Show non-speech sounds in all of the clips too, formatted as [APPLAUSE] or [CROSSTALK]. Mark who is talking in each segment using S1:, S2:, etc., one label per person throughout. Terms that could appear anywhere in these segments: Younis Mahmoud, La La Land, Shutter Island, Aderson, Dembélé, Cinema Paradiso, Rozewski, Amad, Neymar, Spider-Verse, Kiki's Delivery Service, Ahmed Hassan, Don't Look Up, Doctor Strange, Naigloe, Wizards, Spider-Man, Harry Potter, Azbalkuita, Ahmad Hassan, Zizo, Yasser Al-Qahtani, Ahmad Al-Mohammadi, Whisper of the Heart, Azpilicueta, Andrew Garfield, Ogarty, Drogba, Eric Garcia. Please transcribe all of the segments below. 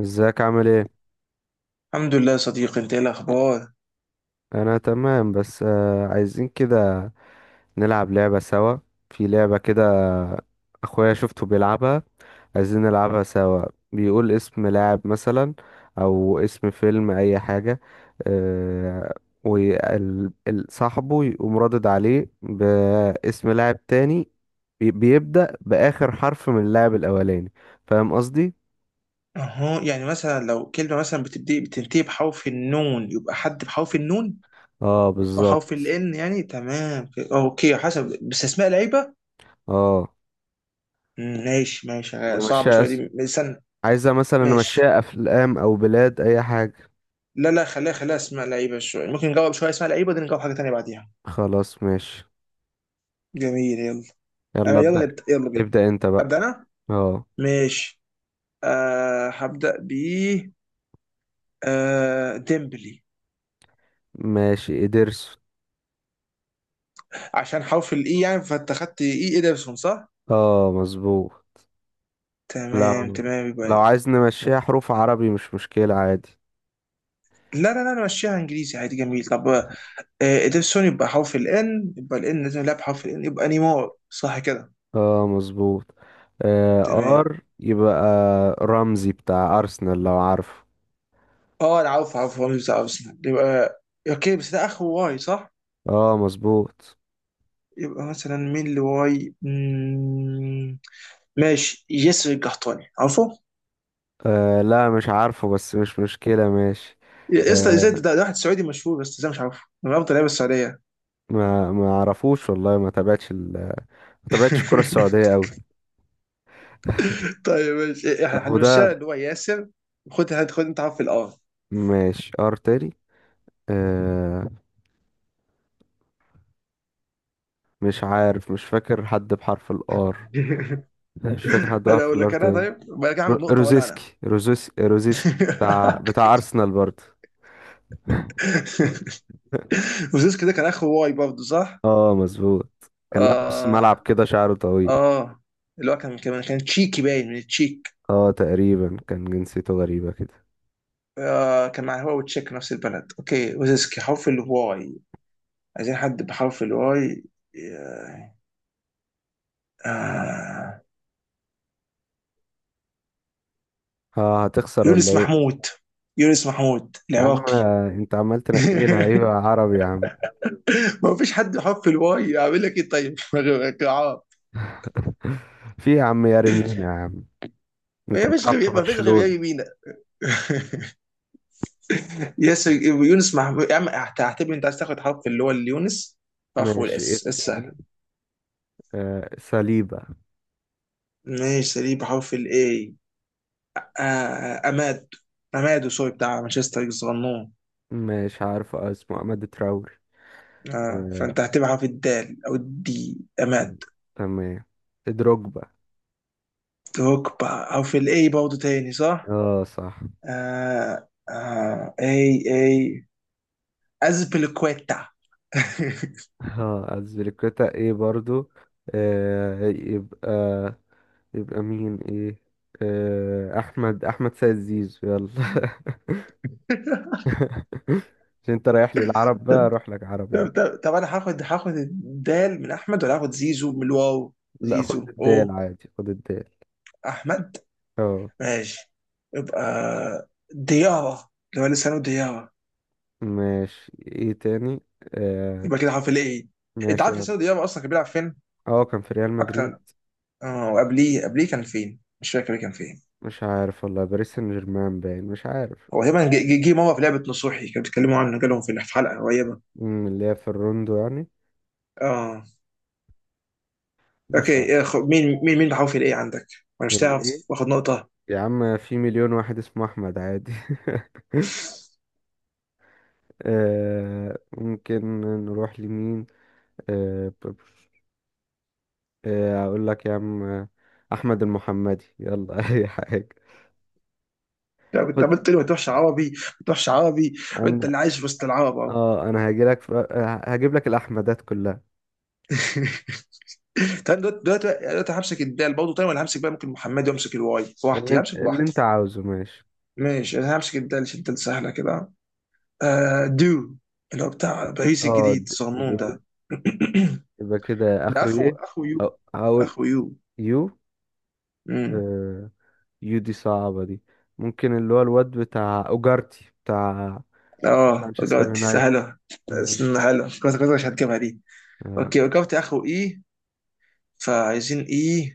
S1: ازيك، عامل ايه؟
S2: الحمد لله يا صديقي، انت ايه الاخبار؟
S1: انا تمام بس عايزين كده نلعب لعبة سوا. في لعبة كده اخويا شفته بيلعبها، عايزين نلعبها سوا. بيقول اسم لاعب مثلا او اسم فيلم اي حاجة. آه وصاحبه يقوم رادد عليه باسم لاعب تاني. بيبدأ بآخر حرف من اللاعب الاولاني. فاهم قصدي؟
S2: اهو يعني مثلا لو كلمه مثلا بتبدي بتنتهي بحرف النون، يبقى حد بحرف النون
S1: اه
S2: او حرف
S1: بالظبط.
S2: الان. يعني تمام، اوكي، حسب بس اسماء لعيبه.
S1: اه
S2: ماشي ماشي،
S1: مش
S2: صعبه شويه دي، استنى.
S1: عايزة مثلا
S2: ماشي،
S1: نمشيها أفلام أو بلاد أي حاجة.
S2: لا لا خليها خليها اسماء لعيبه شويه، ممكن نجاوب شويه اسماء لعيبه دي، نجاوب حاجه تانيه بعديها.
S1: خلاص ماشي.
S2: جميل، يلا.
S1: يلا
S2: انا يلا
S1: ابدأ.
S2: نبدأ، يلا بينا.
S1: ابدأ أنت بقى.
S2: ابدا انا.
S1: اه.
S2: ماشي. هبدا ب، ديمبلي.
S1: ماشي إدرس.
S2: عشان حرف الاي يعني، فانت خدت اي ادرسون، صح؟
S1: اه مظبوط.
S2: تمام
S1: لو
S2: تمام،
S1: لو
S2: يبقى
S1: عايز نمشيها حروف عربي مش مشكلة عادي.
S2: لا لا لا، انا ماشيها انجليزي عادي. جميل، طب. ادرسون يبقى حرف الان، يبقى الان لازم يلعب حرف الان، يبقى نيمار، صح كده؟
S1: اه مظبوط. آه.
S2: تمام.
S1: ار يبقى رمزي بتاع أرسنال لو عارفه.
S2: اه، انا عارف عارف، هو مش بتاع ارسنال. يبقى اوكي، بس ده اخر واي، صح؟
S1: اه مظبوط.
S2: يبقى مثلا مين اللي واي؟ ماشي، ياسر القحطاني، عارفه؟
S1: آه، لا مش عارفه بس مش مشكلة ماشي.
S2: يسطا، ازاي
S1: آه.
S2: ده واحد سعودي مشهور، بس ازاي مش عارفه؟ من افضل لعيبه السعوديه.
S1: ما اعرفوش والله، ما تابعتش الكرة السعودية
S2: [LAUGHS]
S1: قوي.
S2: طيب ماشي،
S1: طب
S2: احنا
S1: وده.
S2: هنمشيها اللي هو ياسر. خد خد، انت عارف الار.
S1: ماشي ار تاني. آه، مش عارف، مش فاكر حد بحرف الار.
S2: [LAUGHS]
S1: مش [LAUGHS] فاكر حد
S2: انا
S1: بحرف
S2: اقول
S1: الار
S2: لك انا،
S1: تاني.
S2: طيب ما انا هاخد
S1: رو-
S2: نقطه، ولا انا؟
S1: روزيسكي روزيسكي روزيسكي بتاع
S2: [LAUGHS]
S1: بتاع ارسنال برضه.
S2: وزيز كده، كان اخو واي برضه، صح؟
S1: اه مظبوط، كان لاعب نص ملعب
S2: اه
S1: كده، شعره طويل.
S2: اه، اللي هو كان تشيكي، باين من التشيك.
S1: اه تقريبا كان جنسيته غريبة كده.
S2: آه، كان مع هو وتشيك نفس البلد. اوكي، وزيسكي حرف الواي. عايزين حد بحرف الواي. آه آه.
S1: اه هتخسر ولا
S2: يونس
S1: ايه؟
S2: محمود، يونس محمود
S1: يا عم،
S2: العراقي.
S1: انت عمال تنقي لي لعيبة
S2: [LAUGHS]
S1: عربي يا عم.
S2: ما فيش حد بحرف الواي، اعمل لك ايه طيب؟ [LAUGHS]
S1: [LAUGHS] في يا عم، يارمين يا عم اللي
S2: ما
S1: كان
S2: فيش
S1: بيلعب في
S2: غير ما فيش غير
S1: برشلونة.
S2: يمينة. [LAUGHS] يونس، مع يا عم هتعتبر، انت عايز تاخد حرف اللي هو اليونس، فاخو
S1: ماشي إيه
S2: الاس
S1: يعني.
S2: السهله.
S1: آه، ساليبا.
S2: ماشي، سليم بحرف الاي. اماد، اماد سوري بتاع مانشستر الصغنون.
S1: مش عارف اسمه عماد تراوري.
S2: اه،
S1: آه.
S2: فانت هتبقى حرف الدال او الدي، اماد.
S1: تمام. دروجبا.
S2: دروكبا حرف الاي برضه تاني، صح؟
S1: اه صح.
S2: آه آه، اي اي، ازبلكويتا. [LAUGHS]
S1: اه أزبيليكويتا ايه برضو. آه. يبقى مين ايه. آه، احمد سيد زيزو يلا. [LAUGHS] عشان انت رايح لي العرب بقى
S2: طب
S1: اروح لك عرب
S2: طب
S1: يعني.
S2: طب طب انا هاخد الدال من احمد، ولا هاخد زيزو من الواو؟
S1: لا خد
S2: زيزو،
S1: الدال
S2: اوه.
S1: عادي، خد الدال.
S2: احمد.
S1: اه.
S2: ماشي، يبقى ديارة، اللي هو لسانه ديارة.
S1: ماشي ايه تاني. آه
S2: يبقى كده حرف الايه. انت
S1: ماشي يا
S2: عارف
S1: عم.
S2: لسانه ديارة اصلا كان بيلعب فين؟
S1: اه كان في ريال مدريد.
S2: اكتر. اه، وقبليه كان فين؟ مش فاكر كان فين.
S1: مش عارف والله، باريس سان جيرمان باين، مش عارف.
S2: هو تقريبا جه مره في لعبه نصوحي، كانوا بيتكلموا عنه، جالهم في الحلقه قريبه.
S1: اللي هي في الروندو يعني.
S2: اه. اوكي
S1: مش عارف.
S2: مين بحرف الايه عندك؟ وانا مش
S1: اللي ايه.
S2: تعرف واخد نقطه.
S1: يا عم في مليون واحد اسمه احمد عادي. [LAUGHS] آه ممكن. نروح لمين. آه، آه اقول لك يا عم، احمد المحمدي يلا. [LAUGHS] اي حاجه.
S2: لا، كنت
S1: خد.
S2: عملت لي ما تروحش عربي، ما تروحش عربي، وانت
S1: انا.
S2: اللي عايش في وسط العرب اهو.
S1: اه انا هاجي لك في... آه، هجيب لك الاحمدات كلها.
S2: [LAUGHS] طيب، دلوقتي همسك الدال برضه، طيب، ولا همسك بقى ممكن محمد، وامسك الواي
S1: اللي,
S2: براحتي،
S1: انت-
S2: همسك
S1: اللي انت
S2: براحتي.
S1: عاوزه ماشي.
S2: ماشي، انا همسك الدال عشان الدال سهله كده. دو، اللي هو بتاع باريس
S1: اه
S2: الجديد،
S1: د-
S2: صنون
S1: دول
S2: ده. [CLEARS THROAT]
S1: يبقى كده
S2: ده
S1: اخره
S2: اخو
S1: ايه.
S2: اخو يو،
S1: هقول
S2: اخو يو.
S1: يو.
S2: امم
S1: آه، يو دي صعبة دي. ممكن اللي هو الواد بتاع أوجارتي بتاع
S2: اه،
S1: مانشستر
S2: دلوقتي
S1: يونايتد.
S2: سهله.
S1: آه.
S2: سهله، كنت مش هتجيبها دي.
S1: آه،
S2: اوكي، وقفت اخو اي، فعايزين اي،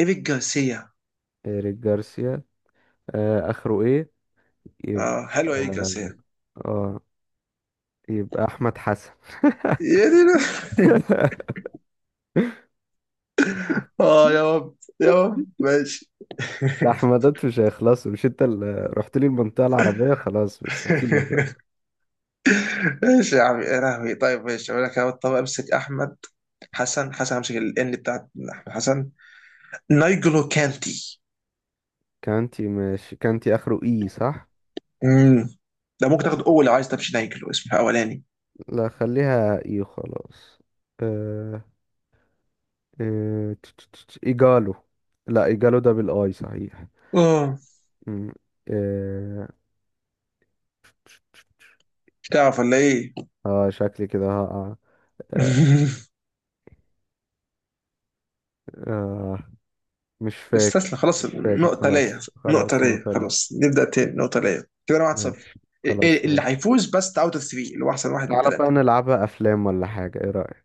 S2: ايريك جارسيا.
S1: إيريك جارسيا. آه، آخره إيه. يبقى.
S2: اه حلو، ايريك
S1: آه.
S2: جارسيا.
S1: آه. يبقى أحمد حسن.
S2: يا دي. [LAUGHS]
S1: [LAUGHS]
S2: اه، يا رب يا رب، ماشي.
S1: الأحمدات مش هيخلصوا، مش أنت اللي رحت لي المنطقة العربية؟ خلاص مش هسيبك بقى.
S2: [LAUGHS] ايش يا عمي، يا لهوي. طيب ماشي، اقول لك أهو. طب امسك احمد حسن همسك الان بتاعت احمد حسن. نايجلو كانتي.
S1: كانتي، ماشي كانتي آخره إي صح؟
S2: امم ده ممكن تاخد اول لو عايز، تمشي نايجلو اسمه اولاني.
S1: لا خليها إي خلاص. آه. آه، إيجالو. لا إيجالو ده بالآي صحيح.
S2: اه.
S1: مم. إيه...
S2: تعرف ولا ايه؟
S1: اه شكلي كده هقع. آه.
S2: [LAUGHS]
S1: آه. مش
S2: استسلم،
S1: فاكر
S2: خلاص،
S1: مش فاكر
S2: نقطة ليا،
S1: خلاص
S2: نقطة
S1: خلاص
S2: ليا،
S1: نطلي.
S2: خلاص نبدأ تاني، نقطة ليا، كده انا 1-0.
S1: ماشي خلاص
S2: اللي
S1: ماشي.
S2: هيفوز بس اوت اوف 3، اللي هو احسن واحد من
S1: تعالى بقى
S2: ثلاثة.
S1: نلعبها افلام ولا حاجة، ايه رأيك؟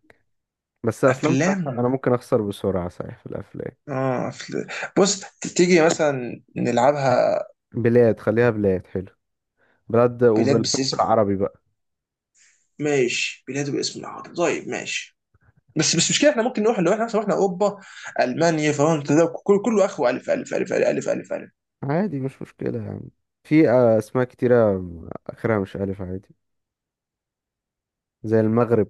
S1: بس افلام صح،
S2: افلام.
S1: انا ممكن اخسر بسرعة صحيح في الافلام.
S2: اه، أفلام. بص، تيجي مثلا نلعبها
S1: بلاد خليها بلاد حلو. بلاد
S2: بلاد بس.
S1: وبالحروف العربي بقى.
S2: ماشي، بلاد باسم العرب، طيب ماشي. بس مش كده، احنا ممكن نروح لو احنا مثلا رحنا اوروبا، المانيا، فرنسا، ده كل كله اخره الف الف الف الف الف الف, ألف.
S1: عادي مش مشكلة يعني. في اسماء كتيرة اخرها مش الف عادي، زي المغرب.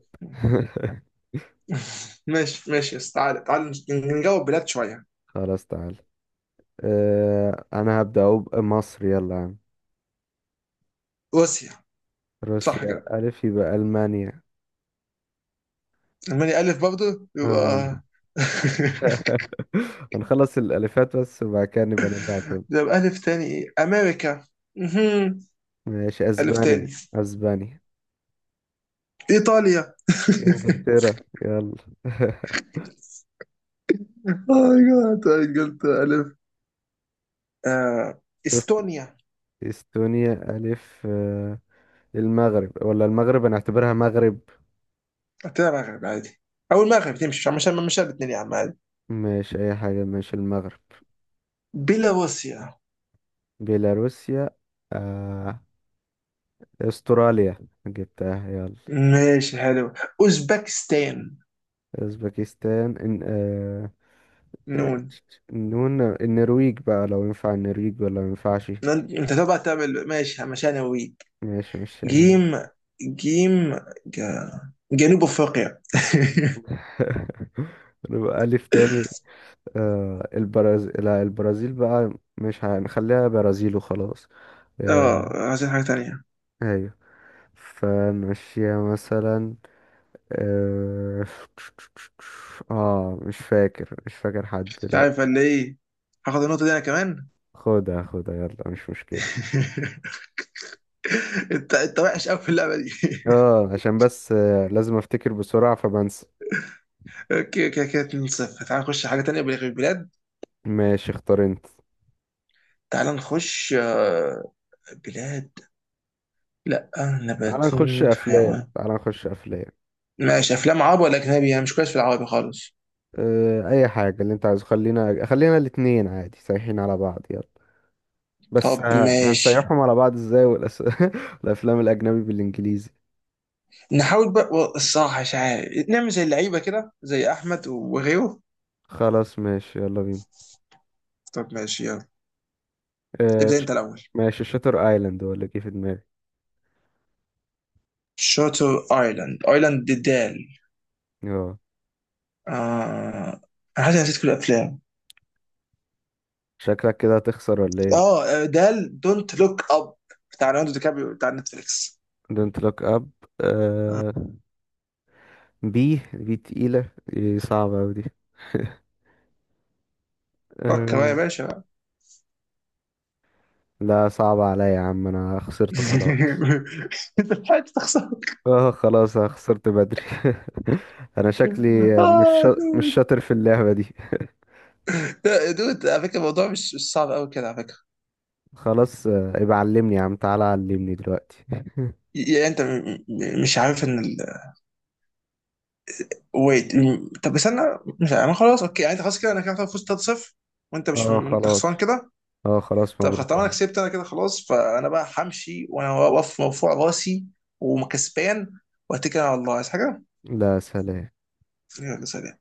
S2: ماشي ماشي، بس تعالى تعالى نجاوب بلاد شويه.
S1: [LAUGHS] خلاص تعالى. آه انا هبدأ اهو بمصر يلا يا عم.
S2: روسيا. صح
S1: روسيا
S2: كده.
S1: الف يبقى المانيا.
S2: المانيا الف برضه،
S1: اه.
S2: يبقى. [LAUGHS]
S1: [LAUGHS] هنخلص الالفات بس وبعد كده نبقى نرجع تاني.
S2: ده يبقى الف تاني، ايه، امريكا. مهم.
S1: ماشي
S2: الف
S1: اسبانيا.
S2: تاني،
S1: اسبانيا.
S2: ايطاليا.
S1: انجلترا يلا. [LAUGHS]
S2: [LAUGHS] ماي جاد، قلت الف. آه،
S1: شفت.
S2: استونيا.
S1: استونيا الف آه. المغرب ولا المغرب، انا اعتبرها مغرب.
S2: قلت لها مغرب عادي، او المغرب تمشي، عشان مش الاثنين يا عم عادي.
S1: مش اي حاجة مش المغرب.
S2: بيلاروسيا.
S1: بيلاروسيا. آه. استراليا. جبتها يلا.
S2: ماشي حلو، اوزبكستان.
S1: اوزبكستان إن... آه.
S2: نون.
S1: نون. النرويج بقى لو ينفع، النرويج ولا ما ينفعش.
S2: انت تبقى تعمل ماشي عشان اوريك.
S1: ماشي مش يعني.
S2: جيم، جيم، ج- جنوب افريقيا. [LAUGHS]
S1: [LAUGHS] نبقى ألف تاني. آه البرازيل، لا البرازيل بقى. مش هنخليها برازيل وخلاص.
S2: اه،
S1: آه.
S2: عايزين حاجه تانية.
S1: أيوة. فنمشيها مثلا. آه. آه مش فاكر حد
S2: مش عارف
S1: دلوقتي.
S2: ولا ايه؟ هاخد النقطه دي انا كمان.
S1: خدها خدها يلا مش مشكلة.
S2: [LAUGHS] انت وحش قوي في اللعبه دي. [LAUGHS]
S1: اه عشان بس لازم افتكر بسرعة فبنسى.
S2: اوكي، كده كده 2-0. تعال نخش حاجه تانية، بلغ البلاد.
S1: ماشي اختار انت.
S2: تعال نخش. بلاد، لا، نبات،
S1: تعالى نخش افلام
S2: حيوان.
S1: تعالى نخش افلام
S2: ماشي، افلام عربي ولا اجنبي؟ انا مش كويس في العربي خالص.
S1: أه اي حاجه اللي انت عايزه، خلينا الاتنين عادي سايحين على بعض يلا. بس
S2: طب
S1: ه-
S2: ماشي،
S1: هنسيحهم على بعض ازاي [LAUGHS] الافلام الاجنبي بالانجليزي.
S2: نحاول بقى. الصراحة مش عارف نعمل زي اللعيبة كده زي أحمد وغيره.
S1: خلاص ماشي يلا بينا.
S2: طب ماشي يلا،
S1: أه
S2: ابدأ أنت الأول.
S1: ماشي شاتر ايلاند ولا جه في دماغي.
S2: شاتر ايلاند. ايلاند دي دال.
S1: اه.
S2: آه... انا حاسس إني نسيت كل الافلام.
S1: شكلك كده هتخسر ولا ايه.
S2: دال، دونت لوك اب، بتاع ليوناردو دي كابريو، بتاع نتفليكس.
S1: دونت لوك اب. أه. بي تقيله. إيه صعبه اوي دي. [LAUGHS]
S2: فكر بقى يا
S1: أه.
S2: باشا.
S1: لا صعبه عليا يا عم، انا خسرت خلاص.
S2: [LAUGHS] انت لحقت تخسر.
S1: اه خلاص انا خسرت بدري. [LAUGHS] انا شكلي
S2: اه،
S1: مش
S2: دود.
S1: شاطر في اللعبة دي.
S2: دود، على فكره الموضوع مش صعب قوي كده على فكره.
S1: خلاص يبقى علمني يا عم، تعالى علمني دلوقتي. [LAUGHS]
S2: يعني انت مش عارف ان، ويت، طب استنى، مش انا خلاص. اوكي، يعني انت خلاص كده، انا كده فزت 3-0، وانت مش
S1: اه
S2: انت
S1: خلاص.
S2: خسران كده.
S1: اه خلاص
S2: طب خلاص،
S1: مبروك يا
S2: طالما انا
S1: عم.
S2: كسبت، انا كده خلاص، فانا بقى همشي وانا واقف مرفوع راسي وكسبان، واتكل على الله. عايز حاجه؟
S1: لا، سلام.
S2: يلا سلام.